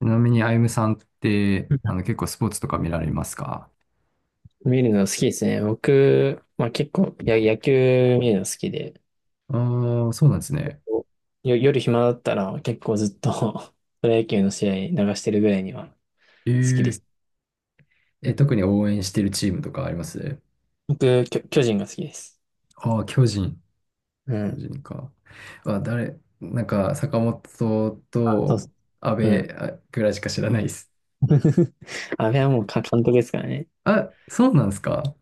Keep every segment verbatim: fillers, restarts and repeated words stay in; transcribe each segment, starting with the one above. ちなみに、あゆむさんって、あの、結構スポーツとか見られますか？見るの好きですね。僕、まあ結構、や、野球見るの好きで、ああー、そうなんですね。よ、夜暇だったら結構ずっと プロ野球の試合流してるぐらいにはえ好きでー、す。え、特に応援してるチームとかあります？僕、巨、巨人が好きです。ああー、巨人。う巨ん。人か。あ、誰、なんか、坂本あ、そうそと阿う。う部ん。あぐらいしか知らないです。あれはもうか監督ですからね。あ、そうなんですか？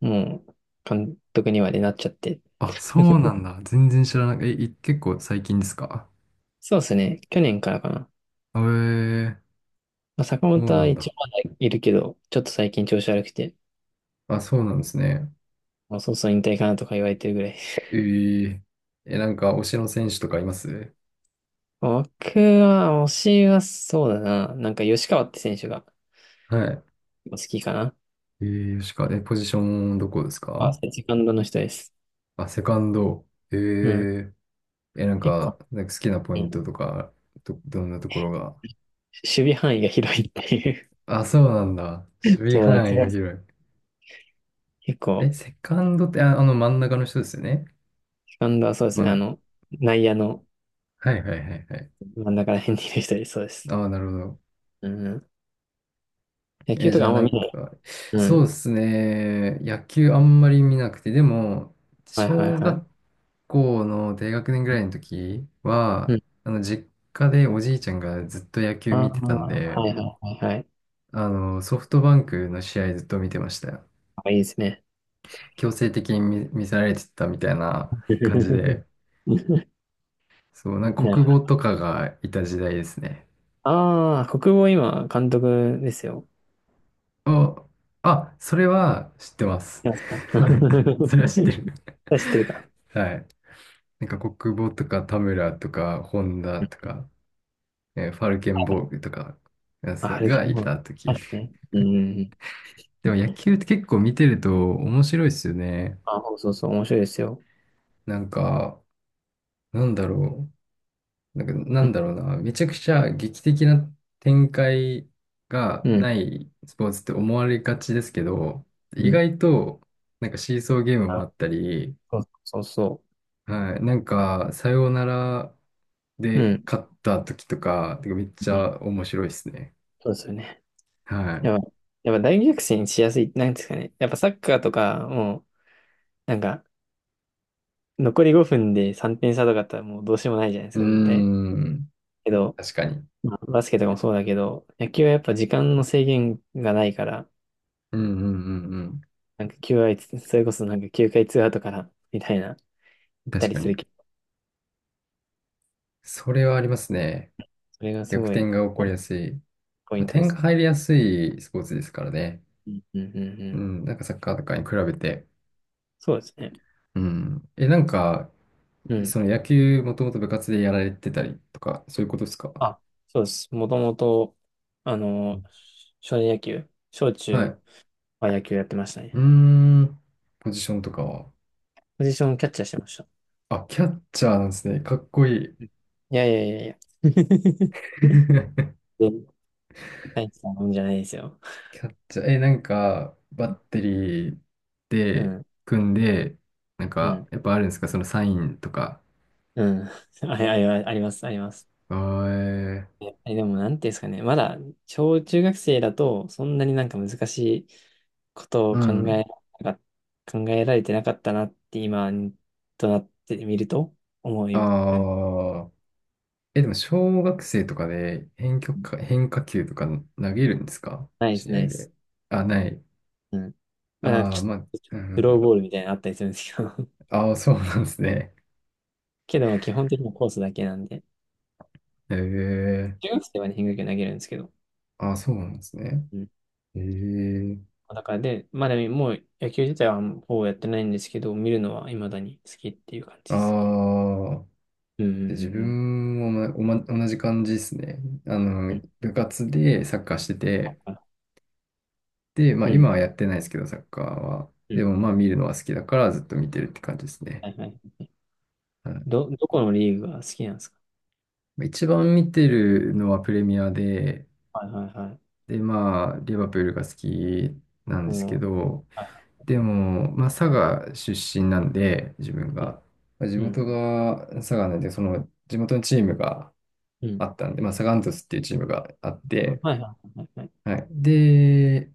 もう、監督にまでなっちゃって。あ、そうなん だ。全然知らない。え、い結構最近ですか？そうですね。去年からかな。えー、まあ、坂そう本なはん一だ。応まだいるけど、ちょっと最近調子悪くて、あ、そうなんですね。もうそろそろ引退かなとか言われてるぐらい。えー、え、なんか、推しの選手とかいます？僕は、推しはそうだな。なんか吉川って選手がはい。好きかな。えー、吉川、え、ポジションどこですまあ、か？セカンドの人です。あ、セカンド。えうん。ー、え、なん結構、か、なんか好きなポうインん、トとか、ど、どんなところが。守備範囲が広いっていう。あ、そうなんだ。守備そうだけ範囲がど、広い。結え、構、セカンドって、あ、あの真ん中の人ですよね。セカンドはそうですまね。あん、の、内野のはいはいはいはい。真ん中ら辺にいる人です。そうです。ああ、なるほど。うん。野球え、とじかゃああんなま見んない。か、うそうん。ですね。野球あんまり見なくて、でも、はいはい小は学い。校の低学年ぐらいの時うは、ん。あの、実家でおじいちゃんがずっと野球ああ、見てたんで、はいはいはいはい。あの、ソフトバンクの試合ずっと見てましたよ。あ、いいですね。強制的に見、見せられてたみたいな感じ で、そう、なんかなる国ほ語ど。とかがいた時代ですね。ああ、国防今、監督ですよ。お、あ、それは知ってます。やつか。それは知ってる。知ってるか。はい。なんか国母とか田村とか本田とか、えーファルケンボーグとかえーあ、そハうルがキいも。たあ時。れね。うん。でも野球って結構見てると面白いですよね。あ、そうそうそう、面白いですよ。なんか、なんだろう。なんか、なうん。んだろうな。めちゃくちゃ劇的な展開がうん。ないスポーツって思われがちですけど、う意ん。外となんかシーソーゲームもあ、あったり、そうそうそはい、なんかサヨナラう。うでん。勝った時とか、てかめっちうん。ゃ面白いですね。そうですよね。はい。やっぱ、やっぱ大逆転しやすい、なんですかね。やっぱサッカーとか、もう、なんか、残りごふんでさんてん差とかだったらもうどうしようもないじゃないですうーか、絶対。ん。けど、確かに。まあ、バスケとかもそうだけど、野球はやっぱ時間の制限がないから、うんうんうんうん。なんかきゅうかい、それこそなんかきゅうかいツーアウトから、みたいな、行った確りかすに。る、それはありますね。それがす逆ごい転が起こりやすい。ポイまあ、ントで点がすね。入りやすいスポーツですからね。うんうんうんううん。ん。なんかサッカーとかに比べて。そうですね。うん。え、なんか、うん。その野球もともと部活でやられてたりとか、そういうことですか？あ、そうです。もともと、あうんの、少年野球、小は中い。は野球やってましたうーね。ん。ポジションとかは。ポジションキャッチャーしてました。あ、キャッチャーなんですね。かっこいい。うん。いやいやいやいや。で、大したもんじゃないですよ。キャッチャー、え、なんか、バッテリーうでん、組んで、なんうか、ん、やっぱあるんですかそのサインとか。うん。あ、あ、ああります、あります。あーえいや、でも、なんていうんですかね、まだ、小中学生だと、そんなになんか難しいことーうを考ん。えなか、考えられてなかったなって、今となってみると、思い、ね、ああ。え、でも、小学生とかで変曲か、変化球とか投げるんですかナイス、試ナ合イス。で。あ、ない。うん。まあ、なんかああ、ちょまあ、っと、ちょうっとスローん。ボールみたいなのあったりするんですけど、ああ、そうなんですね。けど、まあ、基本的にはコースだけなんで、ええ中学生はね、変化球投げるんですけど、ああ、そうなんですね。うん。ええだからで、まあでも、もう野球自体はほぼやってないんですけど、見るのは未だに好きっていう感あじですね。あ。うんうで自んうん分もまおま同じ感じですね。あうの、ん。部活でサッカーしてて、で、まあうん。今はやってないですけど、サッカーは。うでん。もまあ見るのは好きだからずっと見てるって感じですはね。いはい。はいど、どこのリーグが好きなんですか？まあ一番見てるのはプレミアで、はいはいはでまあリバプールが好きなんい。ですけもう、ど、はいはでもまあ佐賀出身なんで、自分いはい。が。まあ地うん。元が佐賀なんで、その地元のチームがうん。あったんで、まあサガン鳥栖っていうチームがあっあ、て、はいはいはいはい。はい。で、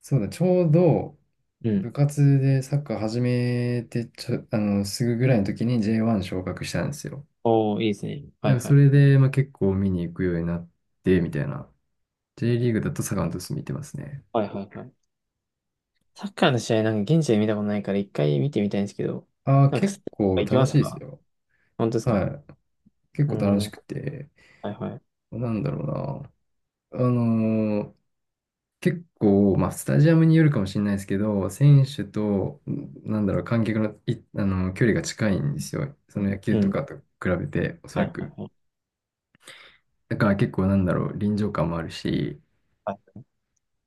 そうだ、ちょうどうん。部活でサッカー始めてちょ、あの、すぐぐらいの時に ジェイワン 昇格したんですよ。おー、いいですね。だはかいらはそい。れで、まあ、結構見に行くようになって、みたいな。J リーグだとサガン鳥栖見てますね。はいはいはい。サッカーの試合なんか現地で見たことないから一回見てみたいんですけど、ああ、なんか結スタジア構ム行き楽ましすいですか？よ。本当ですか？はい。結うー構楽ん。しくて。はいはい。なんだろうな。あのー結構、まあ、スタジアムによるかもしれないですけど、選手と、んなんだろう、観客の、い、あの、距離が近いんですよ。その野球うとん。かと比べて、おそはらいはく。いはい。だから結構なんだろう、臨場感もあるし、は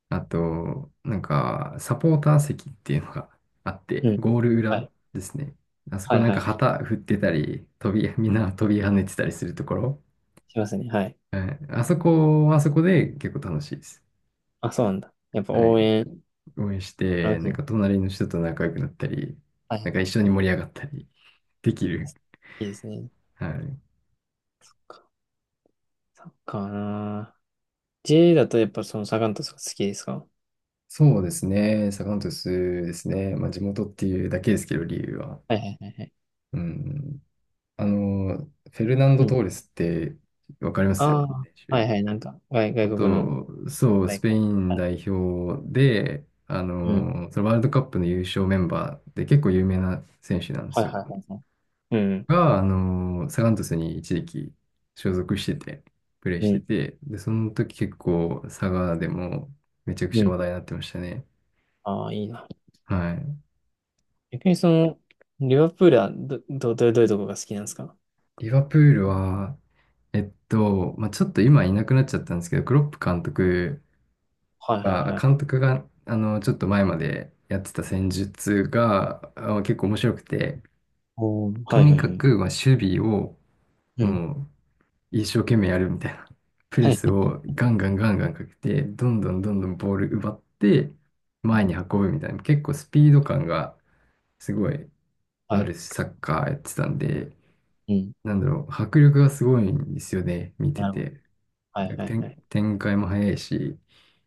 あと、なんか、サポーター席っていうのがあっい。て、うん。ゴールは裏い。ですね。あそはこいなんはかいはい。旗振ってたり、飛び、みんな飛び跳ねてたりするところ。しますね。はい。はい、あそこはあそこで結構楽しいです。あ、そうなんだ。やっぱはい。応援、応援して、楽しなんい。か隣の人と仲良くなったり、はないんか一緒はにい。盛り上がったりできる。いいですね。はい。サッカーなぁ。J だとやっぱそのサガン鳥とか好きですか？そうですね。サガン鳥栖ですね。まあ地元っていうだけですけど、理由は。はいはいはいはい。うん。あの、フェルナンド・うトん。ーレスってわかりますああ、選は手？いはい、なんか外、あ外国のと、そう、ス大ペ会インある。代表で、あうん。の、そのワールドカップの優勝メンバーで結構有名な選手なんではいすはいよ。はいはい。うん。が、あの、サガン鳥栖に一時期所属してて、プレーうしてん。て、で、その時結構佐賀でもめちゃくうちゃん。話題になってましたね。ああ、いいな。はい。逆にその、リバプールはど、ど、どどういうとこが好きなんですか？リバプールは、えっと、まあ、ちょっと今いなくなっちゃったんですけど、クロップ監督はいはいあは監い。督が、あの、ちょっと前までやってた戦術が、あ結構面白くて、おお、とはいにはいはかい。く、まあ、守備を、うん。もう、一生懸命やるみたいな。プレはいスをガンガンガンガンかけて、どんどんどんどんボール奪って、は前いに運ぶみたいな。結構スピード感がすごいはあい。るサッカーやってたんで、うん。なんだろう、迫力がすごいんですよね、見てなるほど。て。はいなんはかいは展、い。展開も早いし、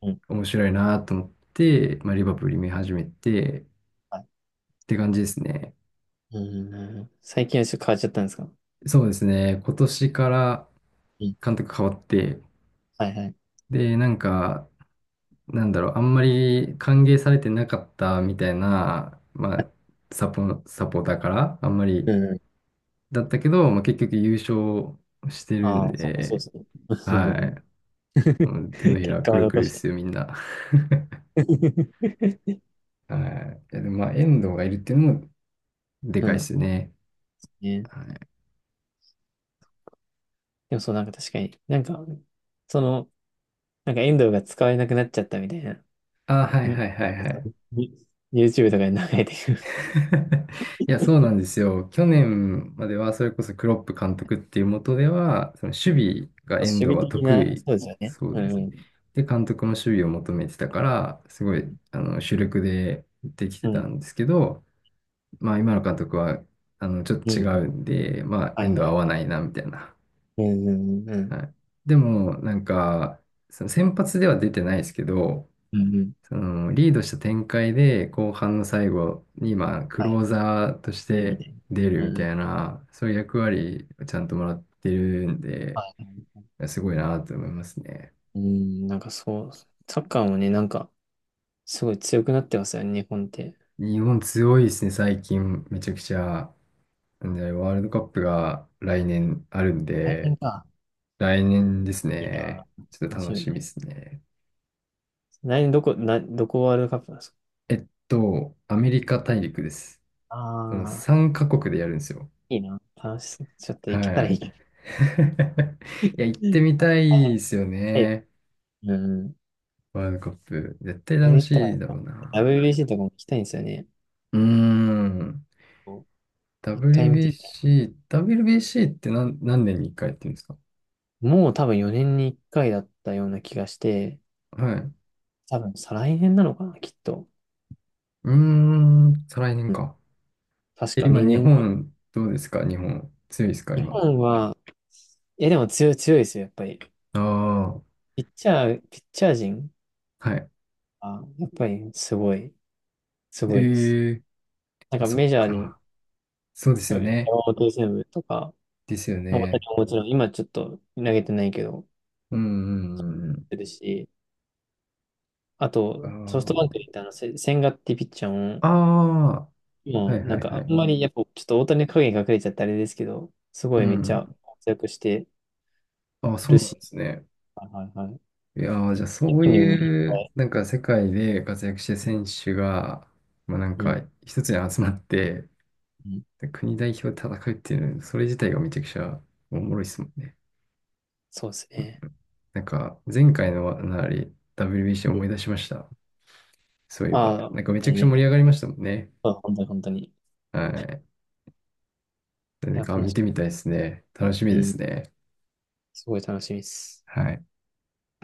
うん。面白いなと思って、まあ、リバプール見始めて、はい。って感じですね。うん。最近はちょっと変わっちゃったんですか？そうですね。今年からうん。監督変わって、はいはい。で、なんか、なんだろう、あんまり歓迎されてなかったみたいな、まあ、サポ、サポーターから、あんまうりん。だったけど、まあ、結局優勝してるあんあ、そうか、そうで、ですね。は い。も う手のひ結ら果くはるく残るでした。すよ、みんな。はい。いや、でも、まあ、遠藤がいるっていうのもでうかいでん。すよね。ね。はい。でもそう、なんか確かに、なんか、その、なんか遠藤が使えなくなっちゃったみたいな、あ、はいはに、いはいはい。に YouTube とかに流れてくる。いや、そうなんですよ。去年までは、それこそクロップ監督っていう下では、その守備が遠守藤備は的得な、意。そうですよね。そううですね。ん、で、監督も守備を求めてたから、すごい、あの、主力でできてうたん、んですけど、まあ、今の監督は、あの、ちょっうん、と違うん。うんで、まあ、はい遠藤はは合い。わないな、みたいな。うん、うん、うん、はい。でも、なんか、その先発では出てないですけど、うん、うん。そのリードした展開で後半の最後に、まあ、クローはザーとしい。みてたい出るな。うみん、うたいん。な、そういう役割をちゃんともらってるんで、はい。すごいなと思いますね。うん、なんかそう、サッカーもね、なんか、すごい強くなってますよね、日本って。日本強いですね、最近。めちゃくちゃ。なんで、ワールドカップが来年あるん来年で、か。来年ですいいなね。ぁ。ちょっと楽し楽みしだみな。ですね。来年どこ、な、どこワールドカップだ？えっと、アメリカ大陸です。そのああ、さんカ国でやるんですよ。いいな。楽しそう。ちょっと行けたはらいい。いけ ど。いや、行って みたいあ、ですよはい。ね。うん。ワールドカップ。絶対それで楽言ったしら、いだろうな。ダブリュービーシー とかも行きたいんですよね。うーん。こう一回見てみたい。ダブリュービーシー、ダブリュービーシー って何、何年にいっかいやってるんですか？もう多分よねんにいっかいだったような気がして、はい。う多分再来年なのかな、きっと。ーん、再来年うん。か。確え、か今、日にねん。本、どうですか日本。強いですか日今。本は、いやでも強い、強いですよ、やっぱり。ああ、ピッチャー、ピッチャー陣はい。は、やっぱりすごい、すえごいです。ー、なんあ、かそメっジャーで、か。そうですよ山ね。本由伸とか、ですよもう私ね。ももちろん、今ちょっと投げてないけど、うん、うん、出るし、あうと、ソフん。うトバンクにんいたあの、せ千賀ってピッチャーも、ああ、ああ、はもいうなはんいはかあい。んまりやっぱちょっと大谷の影に隠れちゃってあれですけど、すうごいめっちゃん活躍してあ、そうるなんし、ですね。はいはいはい。いやー、じゃあそう本人もいっいぱう、い、なんか世界で活躍してる選手が、まあなんうかん、一つに集まって、うん、国代表で戦うっていうの、それ自体がめちゃくちゃおもろいですもんね。そうですね。なんか前回のなり ダブリュービーシー う思いん、出しました。そういえば。あなんかめあ、ちゃくちゃね、盛り上がりましたもんね。あ本当に本当に。いはい。なんや、か楽見してみたいですね。楽しみみ。でうん、すね。すごい楽しみです。はい。